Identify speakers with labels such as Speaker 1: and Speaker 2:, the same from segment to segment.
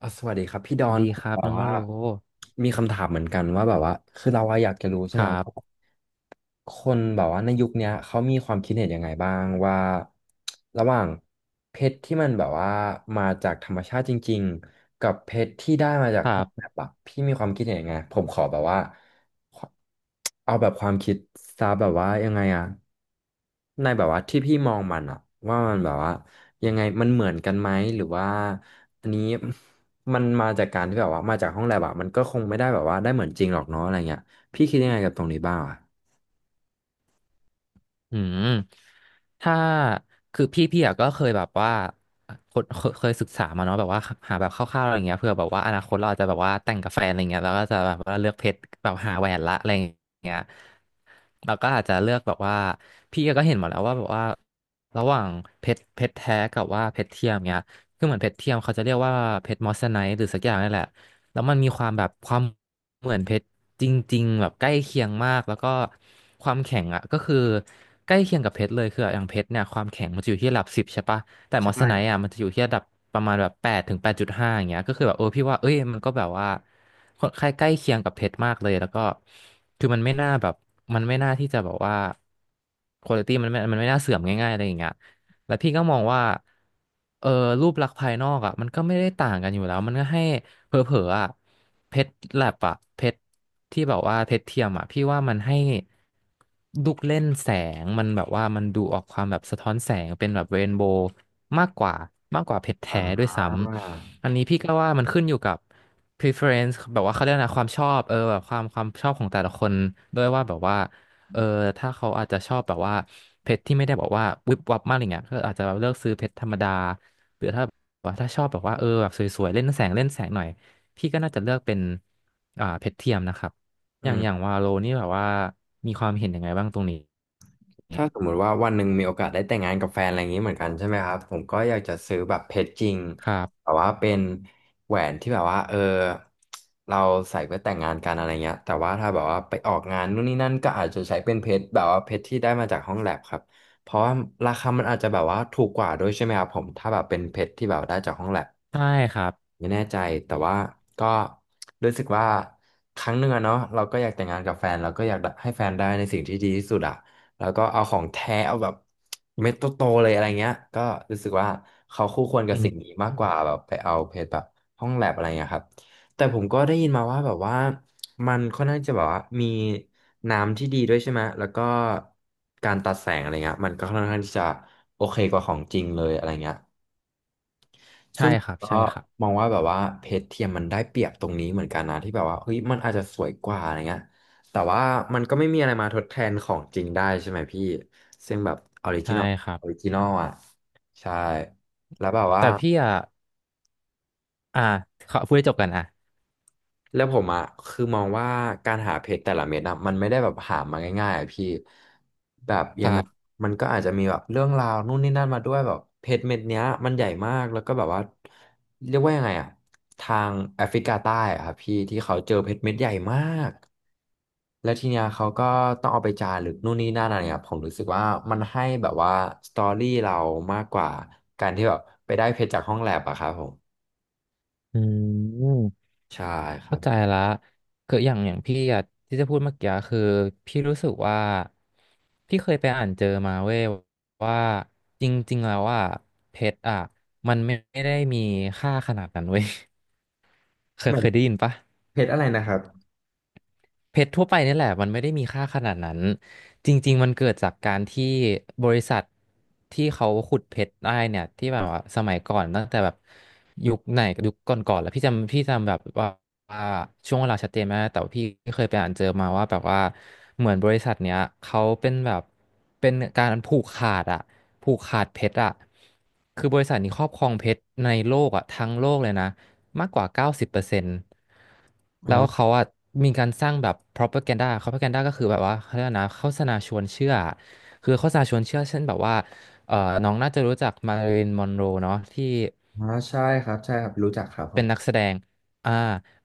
Speaker 1: อ่ะสวัสดีครับพี่ด
Speaker 2: ส
Speaker 1: อ
Speaker 2: วัส
Speaker 1: น
Speaker 2: ดีครับ
Speaker 1: แบบ
Speaker 2: น้อง
Speaker 1: ว่า
Speaker 2: ว่าโล
Speaker 1: มีคำถามเหมือนกันว่าแบบว่าคือเราอะอยากจะรู้ใช่
Speaker 2: ค
Speaker 1: ไหม
Speaker 2: รั
Speaker 1: ว่า
Speaker 2: บ
Speaker 1: คนแบบว่าในยุคเนี้ยเขามีความคิดเห็นยังไงบ้างว่าระหว่างเพชรที่มันแบบว่ามาจากธรรมชาติจริงๆกับเพชรที่ได้มาจาก
Speaker 2: ครั
Speaker 1: ห้องแล
Speaker 2: บ
Speaker 1: บอะพี่มีความคิดเห็นยังไงผมขอแบบว่าเอาแบบความคิดซาแบบว่ายังไงอะ ในแบบว่าที่พี่มองมันอะว่ามันแบบว่ายังไงมันเหมือนกันไหมหรือว่าอันนี้ มันมาจากการที่แบบว่ามาจากห้องแลบอะมันก็คงไม่ได้แบบว่าได้เหมือนจริงหรอกเนาะอะไรเงี้ยพี่คิดยังไงกับตรงนี้บ้างอะ
Speaker 2: อืมถ้าคือพี่อะก็เคยแบบว่าคนเคยศึกษามาเนาะแบบว่าหาแบบคร่าวๆอะไรเงี้ยเผื่อแบบว่าอนาคตเราอาจจะแบบว่าแต่งกับแฟนอะไรเงี้ยแล้วก็จะแบบว่าเลือกเพชรแบบหาแหวนละอะไรเงี้ยเราก็อาจจะเลือกแบบว่าพี่ก็เห็นหมดแล้วว่าแบบว่าระหว่างเพชรแท้กับว่าเพชรเทียมเงี้ยคือเหมือนเพชรเทียมเขาจะเรียกว่าเพชรมอสไนท์หรือสักอย่างนี่แหละ แล้วมันมีความแบบความเหมือนเพชรจริงๆแบบใกล้เคียงมากแล้วก็ความแข็งอ่ะก็คือใกล้เคียงกับเพชรเลยคืออย่างเพชรเนี่ยความแข็งมันจะอยู่ที่ระดับสิบใช่ปะแต่มอสไนท์อ่ะมันจะอยู่ที่ระดับประมาณแบบ8 ถึง 8.5อย่างเงี้ยก็คือแบบเออพี่ว่าเอ้ยมันก็แบบว่าค่อนข้างใกล้เคียงกับเพชรมากเลยแล้วก็คือมันไม่น่าแบบมันไม่น่าที่จะแบบว่าคุณภาพมันไม่น่าเสื่อมง่ายๆอะไรอย่างเงี้ยแล้วพี่ก็มองว่าเออรูปลักษณ์ภายนอกอ่ะมันก็ไม่ได้ต่างกันอยู่แล้วมันก็ให้ เผลอๆอ่ะเพชรแลบอ่ะเพชรที่แบบว่าเพชรเทียมอ่ะพี่ว่ามันให้ลูกเล่นแสงมันแบบว่ามันดูออกความแบบสะท้อนแสงเป็นแบบเรนโบว์มากกว่ามากกว่าเพชร
Speaker 1: อ่
Speaker 2: แท้ด้วยซ้
Speaker 1: า
Speaker 2: ำอันนี้พี่ก็ว่ามันขึ้นอยู่กับ preference แบบว่าเขาเรียกนะความชอบเออแบบความชอบของแต่ละคนด้วยว่าแบบว่าเออถ้าเขาอาจจะชอบแบบว่าเพชรที่ไม่ได้บอกว่าวิบวับมากอะไรเงี้ยก็อาจจะเลือกซื้อเพชรธรรมดาหรือถ้าแบบว่าถ้าชอบแบบว่าเออแบบสวยๆเล่นแสงเล่นแสงหน่อย พี่ก็น่าจะเลือกเป็นเพชรเทียมนะครับ
Speaker 1: อื
Speaker 2: อย่าง
Speaker 1: ม
Speaker 2: อย่างวาโลนี่แบบว่ามีความเห็นยังไงบ้างตรงนี้
Speaker 1: ถ้าสมมุติว่าวันหนึ่งมีโอกาสได้แต่งงานกับแฟนอะไรอย่างนี้เหมือนกันใช่ไหมครับผมก็อยากจะซื้อแบบเพชรจริง
Speaker 2: ครั
Speaker 1: แบ
Speaker 2: บ
Speaker 1: บว่าเป็นแหวนที่แบบว่าเราใส่เพื่อแต่งงานกันอะไรเงี้ยแต่ว่าถ้าแบบว่าไปออกงานนู่นนี่นั่นก็อาจจะใช้เป็นเพชรแบบว่าเพชรที่ได้มาจากห้องแลบครับเพราะว่าราคามันอาจจะแบบว่าถูกกว่าด้วยใช่ไหมครับผมถ้าแบบเป็นเพชรที่แบบได้จากห้องแลบ
Speaker 2: ใช่ครับ
Speaker 1: ไม่แน่ใจแต่ว่าก็รู้สึกว่าครั้งหนึ่งอะเนาะเราก็อยากแต่งงานกับแฟนเราก็อยากให้แฟนได้ในสิ่งที่ดีที่สุดอะแล้วก็เอาของแท้เอาแบบเม็ดโตๆเลยอะไรเงี้ยก็รู้สึกว่าเขาคู่ควรกั
Speaker 2: อื
Speaker 1: บสิ่งนี้
Speaker 2: ม
Speaker 1: มากกว่าแบบไปเอาเพจแบบห้องแลบอะไรเงี้ยครับแต่ผมก็ได้ยินมาว่าแบบว่ามันค่อนข้างจะแบบว่ามีน้ำที่ดีด้วยใช่ไหมแล้วก็การตัดแสงอะไรเงี้ยมันก็ค่อนข้างที่จะโอเคกว่าของจริงเลยอะไรเงี้ย
Speaker 2: ใช่
Speaker 1: ซึ่ง
Speaker 2: ครับ
Speaker 1: ก็
Speaker 2: ใช่ครับ
Speaker 1: มองว่าแบบว่าเพชรเทียมมันได้เปรียบตรงนี้เหมือนกันนะที่แบบว่าเฮ้ยมันอาจจะสวยกว่าอะไรเงี้ยแต่ว่ามันก็ไม่มีอะไรมาทดแทนของจริงได้ใช่ไหมพี่ซึ่งแบบออริจิ
Speaker 2: ใช่
Speaker 1: นอล
Speaker 2: ครับ
Speaker 1: ออริจินอลอ่ะใช่แล้วแบบว่า
Speaker 2: แต่พี่อ่ะอ่าขอพูดให้จบกันอ่ะ
Speaker 1: แล้วผมอ่ะคือมองว่าการหาเพชรแต่ละเม็ดอ่ะมันไม่ได้แบบหามาง่ายๆอ่ะพี่แบบยั
Speaker 2: ค
Speaker 1: งไง
Speaker 2: รับ
Speaker 1: มันก็อาจจะมีแบบเรื่องราวนู่นนี่นั่นมาด้วยแบบเพชรเม็ดเนี้ยมันใหญ่มากแล้วก็แบบว่าเรียกว่ายังไงอ่ะทางแอฟริกาใต้อ่ะครับพี่ที่เขาเจอเพชรเม็ดใหญ่มากแล้วทีเนี้ยเขาก็ต้องเอาไปจารึกนู่นนี่นั่นอะไรเงี้ยผมรู้สึกว่ามันให้แบบว่าสตอรี่เรามากกว่าการที่แบบไปได้เพชรจากห้องแลบอะครับผม
Speaker 2: อืม
Speaker 1: ใช่ครั
Speaker 2: เข้า
Speaker 1: บ
Speaker 2: ใจละคืออย่างอย่างพี่อะที่จะพูดเมื่อกี้คือพี่รู้สึกว่าพี่เคยไปอ่านเจอมาเว้ยว่าจริงๆแล้วอ่ะเพชรอ่ะมันไม่ได้มีค่าขนาดนั้นเว้ย เค
Speaker 1: แบ
Speaker 2: ยเค
Speaker 1: บ
Speaker 2: ยได้ยินปะ
Speaker 1: เพชรอะไรนะครับ
Speaker 2: เพชรทั่วไปนี่แหละมันไม่ได้มีค่าขนาดนั้นจริงๆมันเกิดจากการที่บริษัทที่เขาขุดเพชรได้เนี่ยที่แบบว่าสมัยก่อนตั้งแต่แบบยุคไหนยุคก่อนๆแล้วพี่จำแบบว่าว่าช่วงเวลาชัดเจนไหมากแต่ว่าพี่เคยไปอ่านเจอมาว่าแบบว่าเหมือนบริษัทเนี้ยเขาเป็นแบบเป็นการผูกขาดอะผูกขาดเพชรอะคือบริษัทนี้ครอบครองเพชรในโลกอะทั้งโลกเลยนะ มากกว่า90%แล้วเขาอะมีการสร้างแบบ propaganda ก็คือแบบว่าเขาเรียกนะโฆษณาชวนเชื่อ คือโฆษณาชวนเชื่อเช่นแบบว่าเอ่อน้องน่าจะรู้จักมาริลมอนโรเนาะที่
Speaker 1: อ๋อใช่ครับใช่ครับรู้จักครับผ
Speaker 2: เป็น
Speaker 1: ม
Speaker 2: นักแสดงอ่า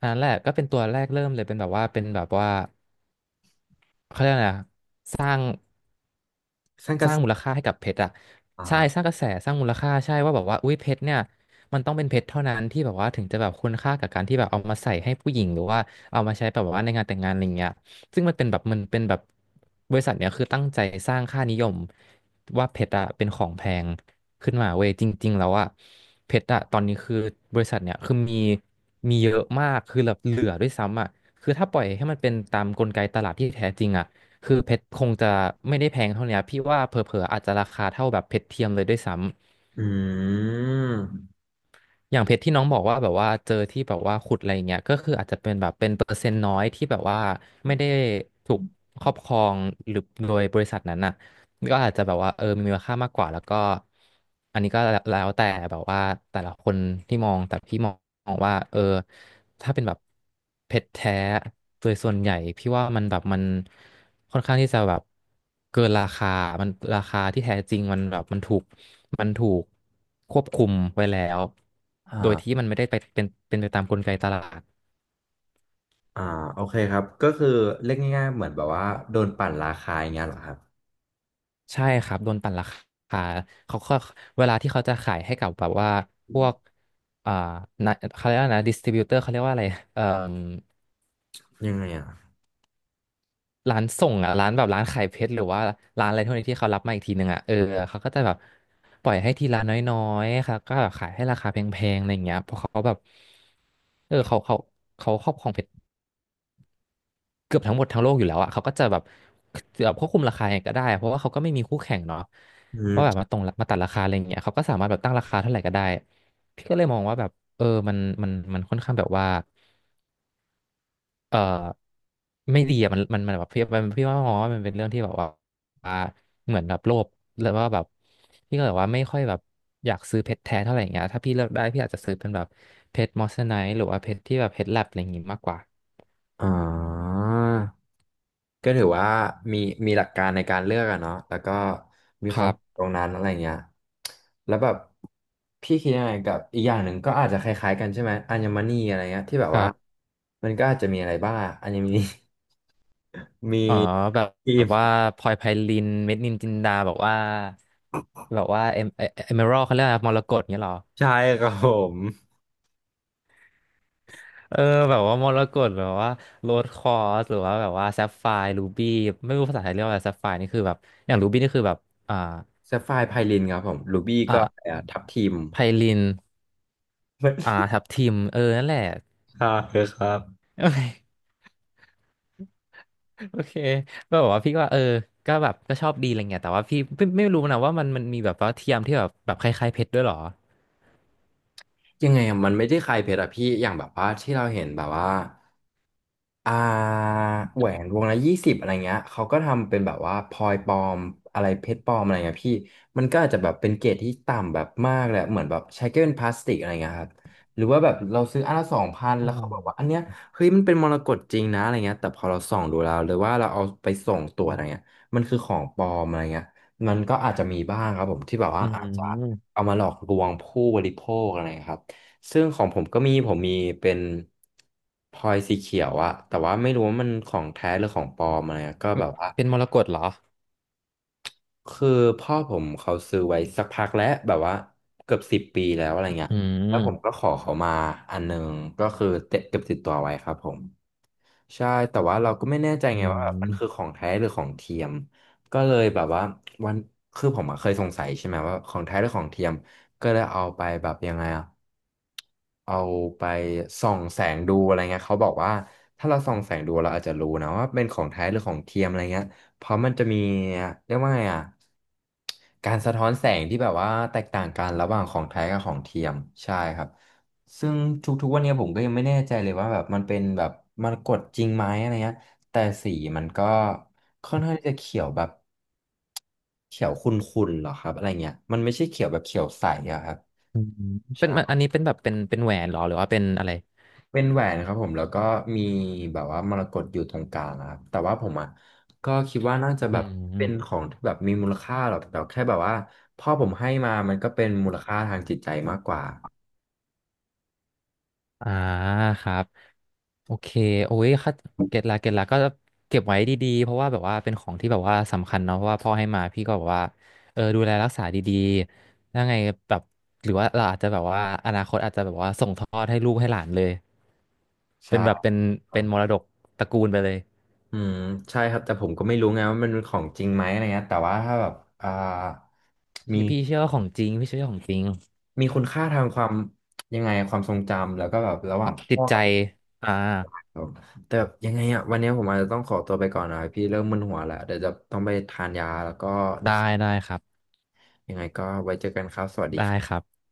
Speaker 2: อันนั้นแหละก็เป็นตัวแรกเริ่มเลยเป็นแบบว่าเป็นแบบว่าเขาเรียกอะไรนะสร้าง
Speaker 1: ซันก
Speaker 2: ส
Speaker 1: ระ
Speaker 2: ร้า
Speaker 1: แส
Speaker 2: งมูลค่าให้กับเพชรอะใช่ส
Speaker 1: อ่า
Speaker 2: ร้างกระแสสร้างมูลค่าใช่ว่าแบบว่าอุ้ยเพชรเนี่ยมันต้องเป็นเพชรเท่านั้นที่แบบว่าถึงจะแบบคุณค่ากับการที่แบบเอามาใส่ให้ผู้หญิงหรือว่าเอามาใช้แบบว่าในงานแต่งงานอะไรเงี้ยซึ่งมันเป็นแบบมันเป็นแบบบริษัทเนี่ยคือตั้งใจสร้างค่านิยมว่าเพชรอะเป็นของแพงขึ้นมาเว้ยจริงๆแล้วอะเพชรอะตอนนี้คือบริษัทเนี่ยคือมีเยอะมากคือแบบเหลือด้วยซ้ำอะคือถ้าปล่อยให้มันเป็นตามกลไกตลาดที่แท้จริงอะ คือเพชรคงจะไม่ได้แพงเท่าเนี้ยพี่ว่าเผลอๆอาจจะราคาเท่าแบบเพชรเทียมเลยด้วยซ้ำ
Speaker 1: อืม
Speaker 2: อย่างเพชรที่น้องบอกว่าแบบว่าเจอที่แบบว่าขุดอะไรอย่างเงี้ยก็คืออาจจะเป็นแบบเป็นเปอร์เซ็นต์น้อยที่แบบว่าไม่ได้ถูกครอบครองหรือโดยบริษัทนั้นน่ะก็อาจจะแบบว่าเออมีมูลค่ามากกว่าแล้วก็อันนี้ก็แล้วแต่แบบว่าแต่ละคนที่มองแต่พี่มองว่าเออถ้าเป็นแบบเพชรแท้โดยส่วนใหญ่พี่ว่ามันแบบมันค่อนข้างที่จะแบบเกินราคามันราคาที่แท้จริงมันแบบมันถูก มันถูกควบคุมไว้แล้ว โดยที่
Speaker 1: อ่า
Speaker 2: มันไม่ได้ไปเป็นไปตามกลไกตลาด
Speaker 1: อ่าโอเคครับก็คือเรียกง่ายๆเหมือนแบบว่าโดนปั่นราคาอย่างเงี้ยเหรอครับ
Speaker 2: ใช่ครับโดนปั่นราคาเขาก็เวลาที่เขาจะขายให้กับแบบว่าพวกอ่านะเขาเรียกว่านะดิสติบิวเตอร์เขาเรียกว่าอะไรเอ่ม
Speaker 1: ยังไงอ่ะ
Speaker 2: ร้านส่งอ่ะร้านแบบร้านขายเพชรหรือว่าร้านอะไรพวกนี้ที่เขารับมาอีกทีหนึ่งอ่ะเออเขาก็จะแบบปล่อยให้ทีละน้อยๆค่ะก็แบบขายให้ราคาแพงๆอะไรอย่างเงี้ยเพราะเขาแบบเออเขาเขาครอบครองเพชร เกือบทั้งหมดทั้งโลกอยู่แล้วอ่ะเขาก็จะแบบควบคุมราคายังไงก็ได้เพราะว่าเขาก็ไม่มีคู่แข่งเนาะ
Speaker 1: อื
Speaker 2: ว่า
Speaker 1: ม
Speaker 2: แบบมาตรงมาตัดราคาอะไรอย่างเงี้ยเขาก็สามารถแบบตั้งราคาเท่าไหร่ก็ได้พี่ก็เลยมองว่าแบบเออมันค่อนข้างแบบว่าเออไม่ดีอ่ะมันแบบพี่มันพี่ว่ามองว่ามันเป็นเรื่องที่แบบว่าเหมือนแบบโลภแล้วว่าแบบพี่ก็แบบว่าไม่ค่อยแบบอยากซื้อเพชรแท้เท่าไหร่อย่างเงี้ยถ้าพี่เลือกได้พี่อาจจะซื้อเป็นแบบเพชรมอสไนท์หรือว่าเพชรที่แบบเพชรแลบอะไรอย่างงี้มากกว่า
Speaker 1: อ่าก็ถือว่ามีมีหลักการในการเลือกอะเนาะแล้วก็มี
Speaker 2: ค
Speaker 1: ควา
Speaker 2: รั
Speaker 1: ม
Speaker 2: บ
Speaker 1: ตรงนั้นอะไรเงี้ยแล้วแบบพี่คิดยังไงกับอีกอย่างหนึ่งก็อาจจะคล้ายๆกันใช่ไหมอัญมณีอะไรเงี้ยที่แบบว่ามันก็อาจจะมีอะไรบ้างอัญ มณี มี
Speaker 2: อ๋อแบบ
Speaker 1: ครี
Speaker 2: แบบ
Speaker 1: ม
Speaker 2: ว่าพลอยไพลินเม็ดนินจินดาแบบว่าแบบว่าเอเมอรัลเขาเรียกอะไรมรกตเงี้ยเหรอ
Speaker 1: ใช่ครับผม
Speaker 2: เออแบบว่ามรกตหรือว่าโรสคอร์สหรือว่าแบบว่าแซฟไฟร์รูบี้ไม่รู้ภาษาไทยเรียกว่าอะไรแซฟไฟร์นี่คือแบบอย่างรูบี้นี่คือแบบอ่า
Speaker 1: แซฟไฟร์ไพลินครับผมรูบี้ก็อะไร
Speaker 2: อ่า
Speaker 1: อะทับทิม
Speaker 2: ไพลินอ่า ทับทิมเออนั่นแหละ
Speaker 1: ใช่ครับ
Speaker 2: โอเคโอเคก็แบบว่าพี่ก็ว่าเออก็แบบก็ชอบดีอะไรเงี้ยแต่ว่าพี่ไม่รู้นะว่ามันมีแบบว่าเทียมที่แบบคล้ายๆเพชรด้วยเหรอ
Speaker 1: ยังไงอะมันไม่ได้คลายเพชรอะพี่อย่างแบบว่าที่เราเห็นแบบว่า อ่าแหวนวงละ20อะไรเงี้ยเขาก็ทำเป็นแบบว่าพลอยปลอมอะไรเพชรปลอมอะไรเงี้ยพี่มันก็อาจจะแบบเป็นเกรดที่ต่ำแบบมากเลยอะเหมือนแบบใช้แค่เป็นพลาสติกอะไรเงี้ยครับหรือว่าแบบเราซื้ออันละ2,000
Speaker 2: อ๋
Speaker 1: แล้
Speaker 2: อ
Speaker 1: วเขาบอกว่าอันเนี้ยเฮ้ยมันเป็นมรกตจริงนะอะไรเงี้ยแต่พอเราส่องดูแล้วหรือว่าเราเอาไปส่งตัวจอะไรเงี้ยมันคือของปลอมอะไรเงี้ยมันก็อาจจะมีบ้างครับผมที่แบบว่า
Speaker 2: อื
Speaker 1: อาจจะ
Speaker 2: ม
Speaker 1: เอามาหลอกลวงผู้บริโภคอะไรครับ ซึ่งของผมก็มีผมมีเป็นพลอยสีเขียวอะแต่ว่าไม่รู้ว่ามันของแท้หรือของปลอมอะไรอะก็
Speaker 2: อื
Speaker 1: แบ
Speaker 2: ม
Speaker 1: บว่า
Speaker 2: เป็นมรกตเหรอ
Speaker 1: คือพ่อผมเขาซื้อไว้สักพักแล้วแบบว่าเกือบ10 ปีแล้วอะไรเงี้ย
Speaker 2: อื
Speaker 1: แล้วผมก็
Speaker 2: ม
Speaker 1: ขอเขามาอันหนึงก็คือเก็บติดตัวไว้ครับผม ใช่แต่ว่าเราก็ไม่แน่ใจ
Speaker 2: อื
Speaker 1: ไงว่าแบบมันคือข
Speaker 2: ม
Speaker 1: องแท้หรือของเทียมก็เลยแบบว่าวันคือผมอะเคยสงสัยใช่ไหมว่าของแท้หรือของเทียมก็เลยเอาไปแบบยังไงอะเอาไปส่องแสงดูอะไรเงี้ยเขาบอกว่าถ้าเราส่องแสงดูเราอาจจะรู้นะว่าเป็นของแท้หรือของเทียมอะไรเงี้ยเพราะมันจะมีเรียกว่าไงอะการสะท้อนแสงที่แบบว่าแตกต่างกันระหว่างของแท้กับของเทียมใช่ครับ ซึ่งทุกๆวันเนี้ยผมก็ยังไม่แน่ใจเลยว่าแบบมันเป็นแบบมันกดจริงไหมอะไรเงี้ยแต่สีมันก็ค่อนข้างที่จะเขียวแบบเขียวขุ่นๆหรอครับอะไรเงี้ยมันไม่ใช่เขียวแบบเขียวใสอะครับ
Speaker 2: อืมเป็นมันอัน
Speaker 1: ใช่
Speaker 2: นี้เป็นแบบเป็นแหวนเหรอหรือว่าเป็นอะไร
Speaker 1: เป็นแหวนครับผมแล้วก็มีแบบว่ามรกตอยู่ตรงกลางนะครับแต่ว่าผมอ่ะก็คิดว่าน่าจะ
Speaker 2: อื
Speaker 1: แบบเป็นข
Speaker 2: ม
Speaker 1: องที่แบบมีมูลค่าหรอกแต่แค่แบบว่าพ่อผมให้มามันก็เป็นมูลค่าทางจิตใจมากกว่า
Speaker 2: อ่าครับโอเคโอ้ยค่ะเก็ตละก็เก็บไว้ดีๆเพราะว่าแบบว่าเป็นของที่แบบว่าสำคัญเนาะเพราะว่าพ่อให้มาพี่ก็แบบว่าเออดูแลรักษาดีๆยังไงแบบหรือว่าเราอาจจะแบบว่าอนาคตอาจจะแบบว่าส่งทอดให้ลูกให้หลานเลย
Speaker 1: ใช่
Speaker 2: เป็นแบบเป็นมรดกตระกูลไปเลย
Speaker 1: อืมใช่ครับแต่ผมก็ไม่รู้ไงว่ามันเป็นของจริงไหมอะไรเงี้ยแต่ว่าถ้าแบบอ่า
Speaker 2: พี่
Speaker 1: มี
Speaker 2: พี่เชื่อว่าของจริงพี่เชื่อว่าของจริง
Speaker 1: มีคุณค่าทางความยังไงความทรงจำแล้วก็แบบระหว่าง
Speaker 2: จิ
Speaker 1: พ่
Speaker 2: ต
Speaker 1: อ
Speaker 2: ใจ
Speaker 1: กับผม
Speaker 2: อ่า
Speaker 1: แต่แบบยังไงอ่ะวันนี้ผมอาจจะต้องขอตัวไปก่อนนะพี่เริ่มมึนหัวแล้วเดี๋ยวจะต้องไปทานยาแล้วก็
Speaker 2: ได้ได้ครับ
Speaker 1: ยังไงก็ไว้เจอกันครับสวัสดี
Speaker 2: ได้ครับ